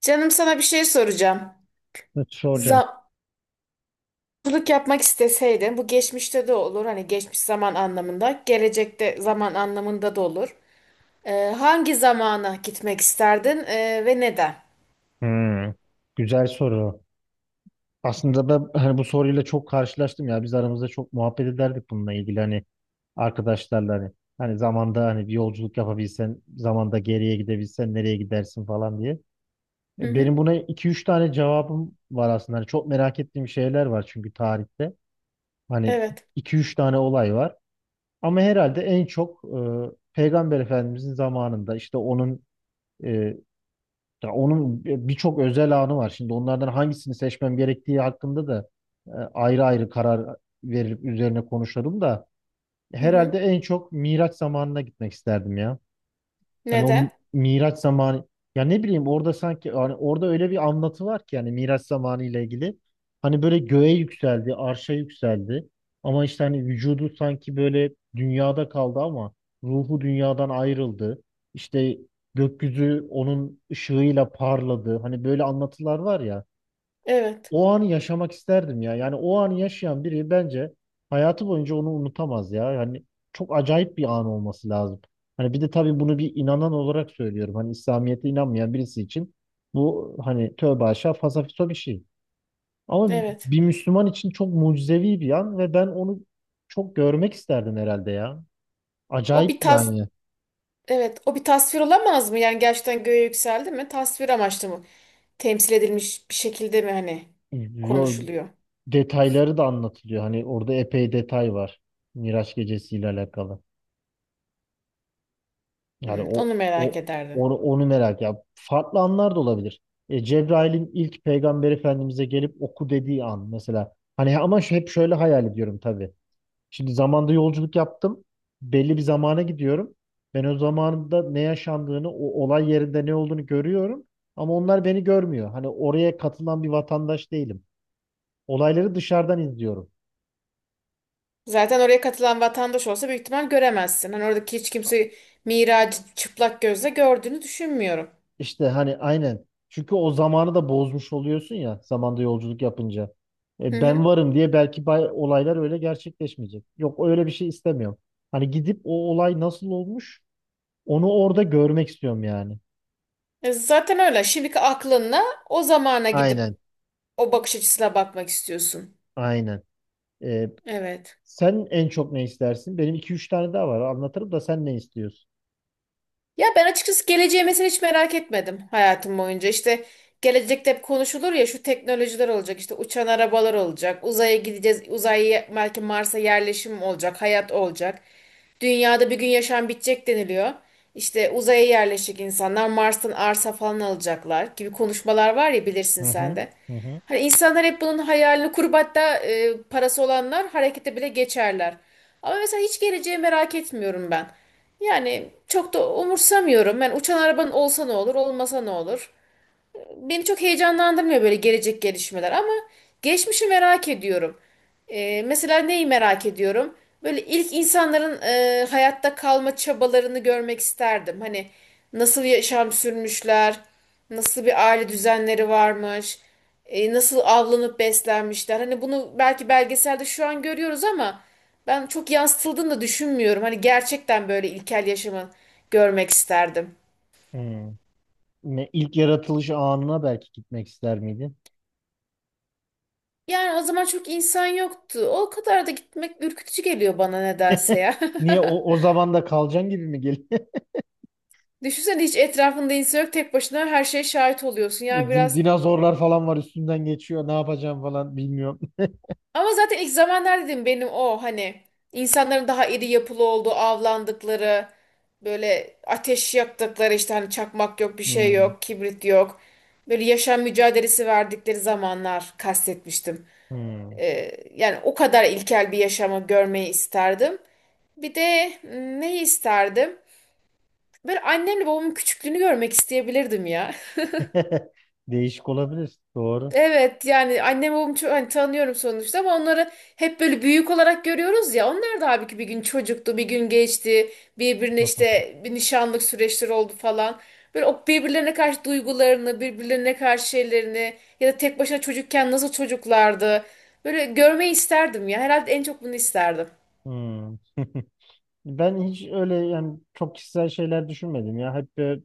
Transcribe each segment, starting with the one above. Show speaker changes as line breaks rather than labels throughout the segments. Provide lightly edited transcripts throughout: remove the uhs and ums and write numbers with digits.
Canım sana bir şey soracağım.
Ne soracağım?
Zamcılık yapmak isteseydin, bu geçmişte de olur, hani geçmiş zaman anlamında, gelecekte zaman anlamında da olur. Ee, hangi zamana gitmek isterdin ve neden?
Hmm, güzel soru. Aslında ben hani bu soruyla çok karşılaştım ya. Biz aramızda çok muhabbet ederdik bununla ilgili hani arkadaşlarla hani. Hani zamanda hani bir yolculuk yapabilsen, zamanda geriye gidebilsen nereye gidersin falan diye.
Hı hı.
Benim buna iki üç tane cevabım var aslında. Hani çok merak ettiğim şeyler var çünkü tarihte. Hani
Evet.
iki üç tane olay var. Ama herhalde en çok Peygamber Efendimizin zamanında işte onun e, ya onun birçok özel anı var. Şimdi onlardan hangisini seçmem gerektiği hakkında da ayrı ayrı karar verip üzerine konuşalım da
Hı
herhalde
hı.
en çok Miraç zamanına gitmek isterdim ya. Hani
Neden?
Miraç zamanı ya ne bileyim orada sanki hani orada öyle bir anlatı var ki yani Miraç zamanı ile ilgili. Hani böyle göğe yükseldi, arşa yükseldi. Ama işte hani vücudu sanki böyle dünyada kaldı ama ruhu dünyadan ayrıldı. İşte gökyüzü onun ışığıyla parladı. Hani böyle anlatılar var ya
Evet.
o anı yaşamak isterdim ya. Yani o anı yaşayan biri bence hayatı boyunca onu unutamaz ya. Yani çok acayip bir an olması lazım. Hani bir de tabii bunu bir inanan olarak söylüyorum. Hani İslamiyet'e inanmayan birisi için bu hani tövbe aşağı fasafiso bir şey. Ama
Evet.
bir Müslüman için çok mucizevi bir an ve ben onu çok görmek isterdim herhalde ya.
O
Acayip
bir tas,
yani.
evet, o bir tasvir olamaz mı? Yani gerçekten göğe yükseldi mi? Tasvir amaçlı mı? Temsil edilmiş bir şekilde mi hani
Yo,
konuşuluyor?
detayları da anlatılıyor. Hani orada epey detay var. Miraç gecesiyle alakalı. Yani
Hı,
o,
onu merak
o
ederdim.
onu merak ya. Farklı anlar da olabilir. Cebrail'in ilk Peygamber Efendimiz'e gelip oku dediği an mesela. Hani ama şu- hep şöyle hayal ediyorum tabii. Şimdi zamanda yolculuk yaptım. Belli bir zamana gidiyorum. Ben o zamanda ne yaşandığını, o olay yerinde ne olduğunu görüyorum. Ama onlar beni görmüyor. Hani oraya katılan bir vatandaş değilim. Olayları dışarıdan izliyorum.
Zaten oraya katılan vatandaş olsa büyük ihtimal göremezsin. Hani oradaki hiç kimse Miraç'ı çıplak gözle gördüğünü düşünmüyorum.
İşte hani aynen. Çünkü o zamanı da bozmuş oluyorsun ya zamanda yolculuk yapınca.
Hı
Ben
hı.
varım diye belki bay- olaylar öyle gerçekleşmeyecek. Yok öyle bir şey istemiyorum. Hani gidip o olay nasıl olmuş onu orada görmek istiyorum yani.
E zaten öyle. Şimdiki aklınla o zamana gidip
Aynen.
o bakış açısına bakmak istiyorsun.
Aynen. E,
Evet.
sen en çok ne istersin? Benim iki üç tane daha var. Anlatırım da sen ne istiyorsun?
Ya ben açıkçası geleceği mesela hiç merak etmedim hayatım boyunca. İşte gelecekte hep konuşulur ya şu teknolojiler olacak, işte uçan arabalar olacak, uzaya gideceğiz, uzaya belki Mars'a yerleşim olacak, hayat olacak. Dünyada bir gün yaşam bitecek deniliyor. İşte uzaya yerleşecek insanlar Mars'tan arsa falan alacaklar gibi konuşmalar var ya bilirsin
Hı
sen
hı.
de.
Hı hı.
Hani insanlar hep bunun hayalini kurup hatta parası olanlar harekete bile geçerler. Ama mesela hiç geleceği merak etmiyorum ben. Yani çok da umursamıyorum. Ben uçan arabanın olsa ne olur, olmasa ne olur beni çok heyecanlandırmıyor böyle gelecek gelişmeler ama geçmişi merak ediyorum. Mesela neyi merak ediyorum? Böyle ilk insanların hayatta kalma çabalarını görmek isterdim. Hani nasıl yaşam sürmüşler, nasıl bir aile düzenleri varmış, nasıl avlanıp beslenmişler. Hani bunu belki belgeselde şu an görüyoruz ama ben çok yansıtıldığını da düşünmüyorum. Hani gerçekten böyle ilkel yaşamı görmek isterdim.
Hmm. Ne, ilk yaratılış anına belki gitmek ister miydin?
Yani o zaman çok insan yoktu. O kadar da gitmek ürkütücü geliyor bana nedense ya.
Niye o zaman da kalacaksın gibi mi
Düşünsene hiç etrafında insan yok tek başına her şeye şahit oluyorsun. Yani biraz
Dinozorlar falan var üstünden geçiyor. Ne yapacağım falan bilmiyorum.
ama zaten ilk zamanlar dedim benim o hani insanların daha iri yapılı olduğu avlandıkları böyle ateş yaktıkları işte hani çakmak yok bir şey
Hmm,
yok kibrit yok. Böyle yaşam mücadelesi verdikleri zamanlar kastetmiştim.
hmm.
Yani o kadar ilkel bir yaşamı görmeyi isterdim. Bir de neyi isterdim? Böyle annemle babamın küçüklüğünü görmek isteyebilirdim ya.
Değişik olabilir. Doğru.
Evet yani annem babamı çok hani tanıyorum sonuçta ama onları hep böyle büyük olarak görüyoruz ya. Onlar da abi ki bir gün çocuktu, bir gün geçti. Birbirine işte bir nişanlık süreçleri oldu falan. Böyle o birbirlerine karşı duygularını, birbirlerine karşı şeylerini ya da tek başına çocukken nasıl çocuklardı. Böyle görmeyi isterdim ya. Herhalde en çok bunu isterdim.
Hmm. Ben hiç öyle yani çok kişisel şeyler düşünmedim ya.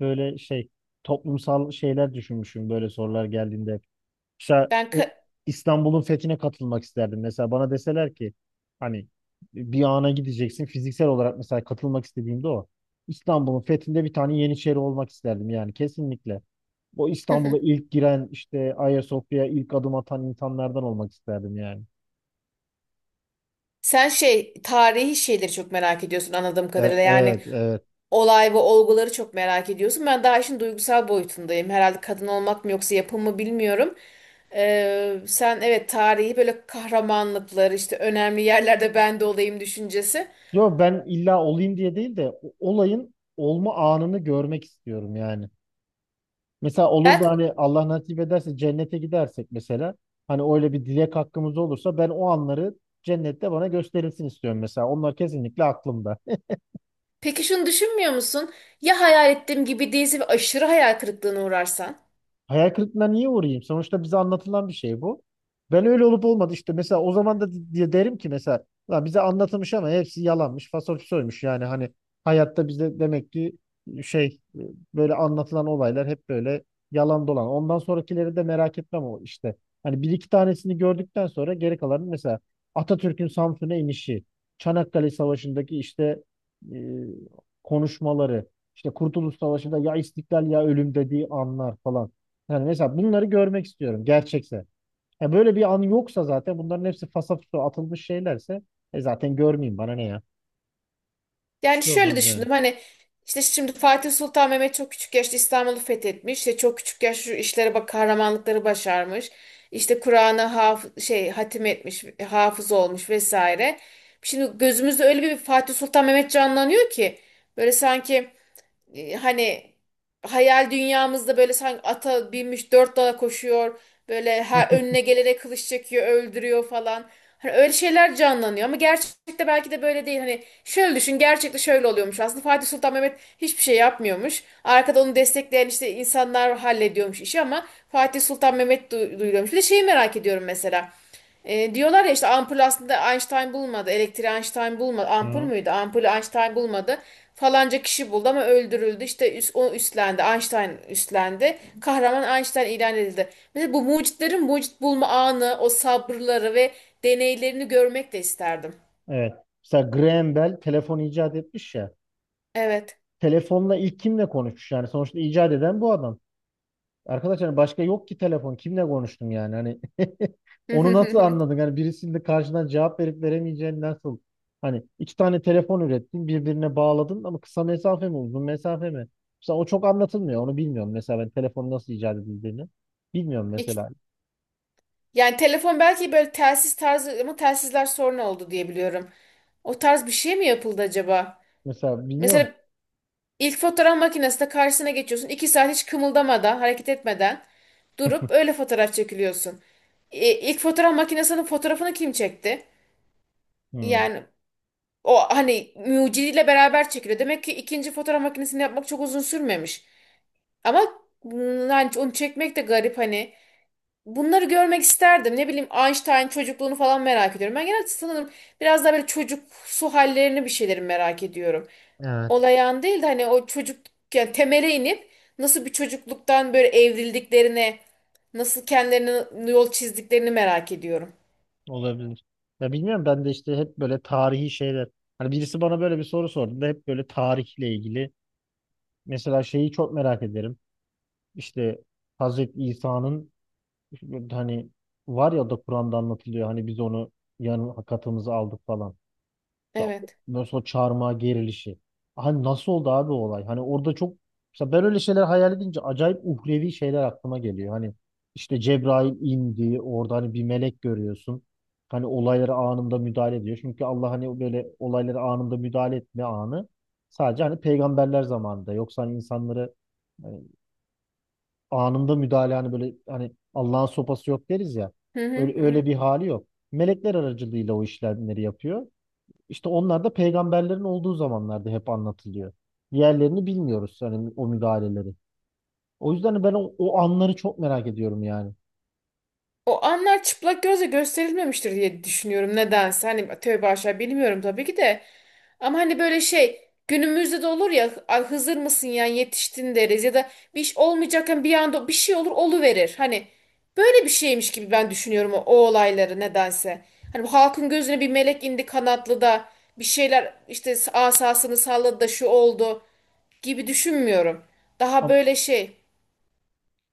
Böyle şey toplumsal şeyler düşünmüşüm böyle sorular geldiğinde. Mesela
Ben ka-
İstanbul'un fethine katılmak isterdim. Mesela bana deseler ki hani bir ana gideceksin fiziksel olarak mesela katılmak istediğimde o. İstanbul'un fethinde bir tane yeniçeri olmak isterdim yani kesinlikle. Bu İstanbul'a ilk giren işte Ayasofya'ya ilk adım atan insanlardan olmak isterdim yani.
sen şey tarihi şeyleri çok merak ediyorsun anladığım kadarıyla. Yani
Evet, evet.
olay ve olguları çok merak ediyorsun. Ben daha işin duygusal boyutundayım. Herhalde kadın olmak mı yoksa yapım mı bilmiyorum. Sen evet tarihi böyle kahramanlıklar işte önemli yerlerde ben de olayım düşüncesi.
Yo ben illa olayım diye değil de o- olayın olma anını görmek istiyorum yani. Mesela olur da
Belki,
hani Allah nasip ederse cennete gidersek mesela hani öyle bir dilek hakkımız olursa ben o anları cennette bana gösterilsin istiyorum mesela. Onlar kesinlikle aklımda.
peki şunu düşünmüyor musun? Ya hayal ettiğim gibi değilse ve aşırı hayal kırıklığına uğrarsan?
Hayal kırıklığına niye uğrayayım? Sonuçta bize anlatılan bir şey bu. Ben öyle olup olmadı işte mesela o zaman da di- diye derim ki mesela "Lan bize anlatılmış ama hepsi yalanmış, fasolfisoymuş yani hani hayatta bize demek ki e, şey e, böyle anlatılan olaylar hep böyle yalan dolan. Ondan sonrakileri de merak etmem o işte. Hani bir iki tanesini gördükten sonra geri kalanı mesela Atatürk'ün Samsun'a inişi, Çanakkale Savaşı'ndaki işte e, konuşmaları, işte Kurtuluş Savaşı'nda ya istiklal ya ölüm dediği anlar falan. Yani mesela bunları görmek istiyorum gerçekse. Ya böyle bir an yoksa zaten bunların hepsi fasafiso atılmış şeylerse e zaten görmeyeyim bana ne ya. Bir
Yani
şey
şöyle
olmaz yani.
düşündüm hani işte şimdi Fatih Sultan Mehmet çok küçük yaşta İstanbul'u fethetmiş. İşte çok küçük yaşta şu işlere bak kahramanlıkları başarmış. İşte Kur'an'ı haf şey hatim etmiş, hafız olmuş vesaire. Şimdi gözümüzde öyle bir Fatih Sultan Mehmet canlanıyor ki böyle sanki hani hayal dünyamızda böyle sanki ata binmiş dört dala koşuyor. Böyle her önüne gelene kılıç çekiyor, öldürüyor falan. Hani öyle şeyler canlanıyor ama gerçekte belki de böyle değil. Hani şöyle düşün, gerçekte şöyle oluyormuş. Aslında Fatih Sultan Mehmet hiçbir şey yapmıyormuş. Arkada onu destekleyen işte insanlar hallediyormuş işi ama Fatih Sultan Mehmet duyuluyormuş. Bir de şeyi merak ediyorum mesela. Diyorlar ya işte ampul aslında Einstein bulmadı. Elektriği Einstein bulmadı. Ampul
Hı.
müydü? Ampulü Einstein bulmadı. Falanca kişi buldu ama öldürüldü. O üstlendi. Einstein üstlendi. Kahraman Einstein ilan edildi. Mesela bu mucitlerin mucit bulma anı, o sabırları ve deneylerini görmek de isterdim.
Evet. Mesela Graham Bell telefon icat etmiş ya.
Evet.
Telefonla ilk kimle konuşmuş yani sonuçta icat eden bu adam. Arkadaşlar başka yok ki telefon. Kimle konuştun yani? Hani onu nasıl anladın? Hani birisinin de karşıdan cevap verip veremeyeceğini nasıl? Hani iki tane telefon ürettin, birbirine bağladın ama kısa mesafe mi, uzun mesafe mi? Mesela o çok anlatılmıyor. Onu bilmiyorum. Mesela ben telefonu nasıl icat edildiğini bilmiyorum
İki-
mesela.
Yani telefon belki böyle telsiz tarzı ama telsizler sorun oldu diye biliyorum. O tarz bir şey mi yapıldı acaba?
Mesela bilmiyorum.
Mesela İlk fotoğraf makinesinde karşısına geçiyorsun. İki saat hiç kımıldamadan, hareket etmeden durup öyle fotoğraf çekiliyorsun. İlk fotoğraf makinesinin fotoğrafını kim çekti?
Hmm.
Yani o hani mucidiyle beraber çekiliyor. Demek ki ikinci fotoğraf makinesini yapmak çok uzun sürmemiş. Ama yani onu çekmek de garip hani. Bunları görmek isterdim. Ne bileyim Einstein çocukluğunu falan merak ediyorum. Ben genelde sanırım biraz daha böyle çocuksu hallerini bir şeyleri merak ediyorum
Evet,
olayan değil de hani o çocuk yani temele inip nasıl bir çocukluktan böyle evrildiklerine, nasıl kendilerine yol çizdiklerini merak ediyorum.
olabilir. Ya bilmiyorum ben de işte hep böyle tarihi şeyler. Hani birisi bana böyle bir soru sordu da hep böyle tarihle ilgili. Mesela şeyi çok merak ederim. İşte Hazreti İsa'nın hani var ya da Kur'an'da anlatılıyor hani biz onu yanına katımızı aldık falan. Ya
Evet.
mesela o çarmıha gerilişi. Hani nasıl oldu abi o olay? Hani orada çok mesela ben öyle şeyler hayal edince acayip uhrevi şeyler aklıma geliyor. Hani işte Cebrail indi orada hani bir melek görüyorsun. Hani olaylara anında müdahale ediyor. Çünkü Allah hani böyle olaylara anında müdahale etme anı sadece hani peygamberler zamanında. Yoksa hani insanları e, anında müdahale hani böyle hani Allah'ın sopası yok deriz ya.
Hı hı
Öyle, öyle
hı.
bir hali yok. Melekler aracılığıyla o işlemleri yapıyor. İşte onlar da peygamberlerin olduğu zamanlarda hep anlatılıyor. Diğerlerini bilmiyoruz hani o müdahaleleri. O yüzden ben o anları çok merak ediyorum yani.
O anlar çıplak gözle gösterilmemiştir diye düşünüyorum nedense. Hani tövbe aşağı bilmiyorum tabii ki de. Ama hani böyle şey günümüzde de olur ya "Ay, Hızır mısın ya yetiştin" deriz ya da bir iş olmayacakken bir anda bir şey olur oluverir. Hani böyle bir şeymiş gibi ben düşünüyorum o olayları nedense. Hani bu halkın gözüne bir melek indi kanatlı da bir şeyler işte asasını salladı da şu oldu gibi düşünmüyorum. Daha
Ama,
böyle şey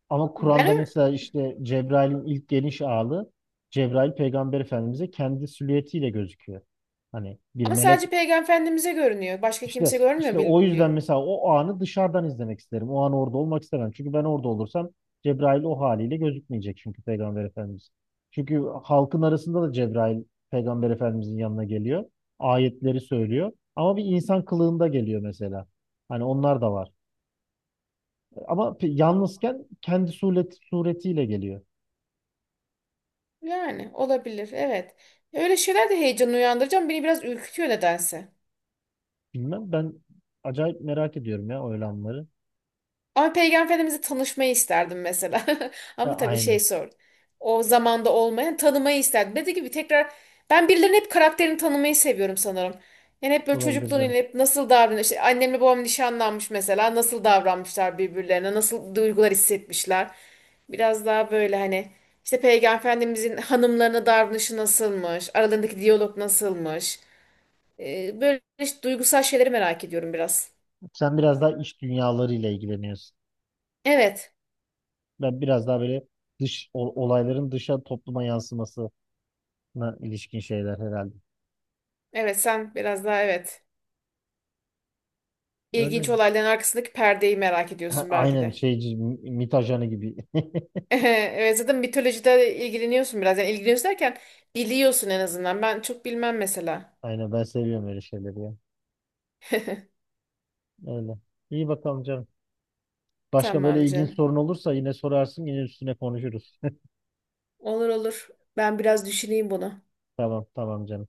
ama Kur'an'da
ben.
mesela işte Cebrail'in ilk geniş ağlı Cebrail Peygamber Efendimiz'e kendi silüetiyle gözüküyor. Hani bir
Ama
melek
sadece Peygamber Efendimiz'e görünüyor. Başka kimse
İşte
görmüyor
o
biliyor.
yüzden mesela o anı dışarıdan izlemek isterim. O an orada olmak istemem. Çünkü ben orada olursam Cebrail o haliyle gözükmeyecek çünkü Peygamber Efendimiz. Çünkü halkın arasında da Cebrail Peygamber Efendimizin yanına geliyor. Ayetleri söylüyor. Ama bir insan kılığında geliyor mesela. Hani onlar da var. Ama pe- yalnızken kendi suretiyle geliyor.
Yani olabilir. Evet. Öyle şeyler de heyecan uyandıracağım. Beni biraz ürkütüyor nedense.
Bilmem ben acayip merak ediyorum ya o olanları.
Ama Peygamber Efendimiz'i tanışmayı isterdim mesela. Ama tabii şey
Aynen.
sor. O zamanda olmayan tanımayı isterdim. Dediğim gibi tekrar ben birilerinin hep karakterini tanımayı seviyorum sanırım. Yani hep böyle
Olabilir
çocukluğunu
canım.
hep nasıl davranıyor. İşte annemle babam nişanlanmış mesela. Nasıl davranmışlar birbirlerine. Nasıl duygular hissetmişler. Biraz daha böyle hani işte Peygamber Efendimiz'in hanımlarına davranışı nasılmış. Aralarındaki diyalog nasılmış. Böyle işte duygusal şeyleri merak ediyorum biraz.
Sen biraz daha iç dünyalarıyla ilgileniyorsun.
Evet.
Ben biraz daha böyle dış olayların dışa topluma yansımasına ilişkin şeyler herhalde.
Evet sen biraz daha evet.
Öyle.
İlginç olayların arkasındaki perdeyi merak
Ha,
ediyorsun belki
aynen
de.
şeyci MİT ajanı gibi.
Evet zaten mitolojide ilgileniyorsun biraz. Yani ilgileniyorsun derken biliyorsun en azından. Ben çok bilmem mesela.
Aynen ben seviyorum öyle şeyleri ya. Öyle. İyi bakalım canım. Başka
Tamam
böyle ilginç
canım.
sorun olursa yine sorarsın yine üstüne konuşuruz.
Olur olur. Ben biraz düşüneyim bunu.
Tamam tamam canım.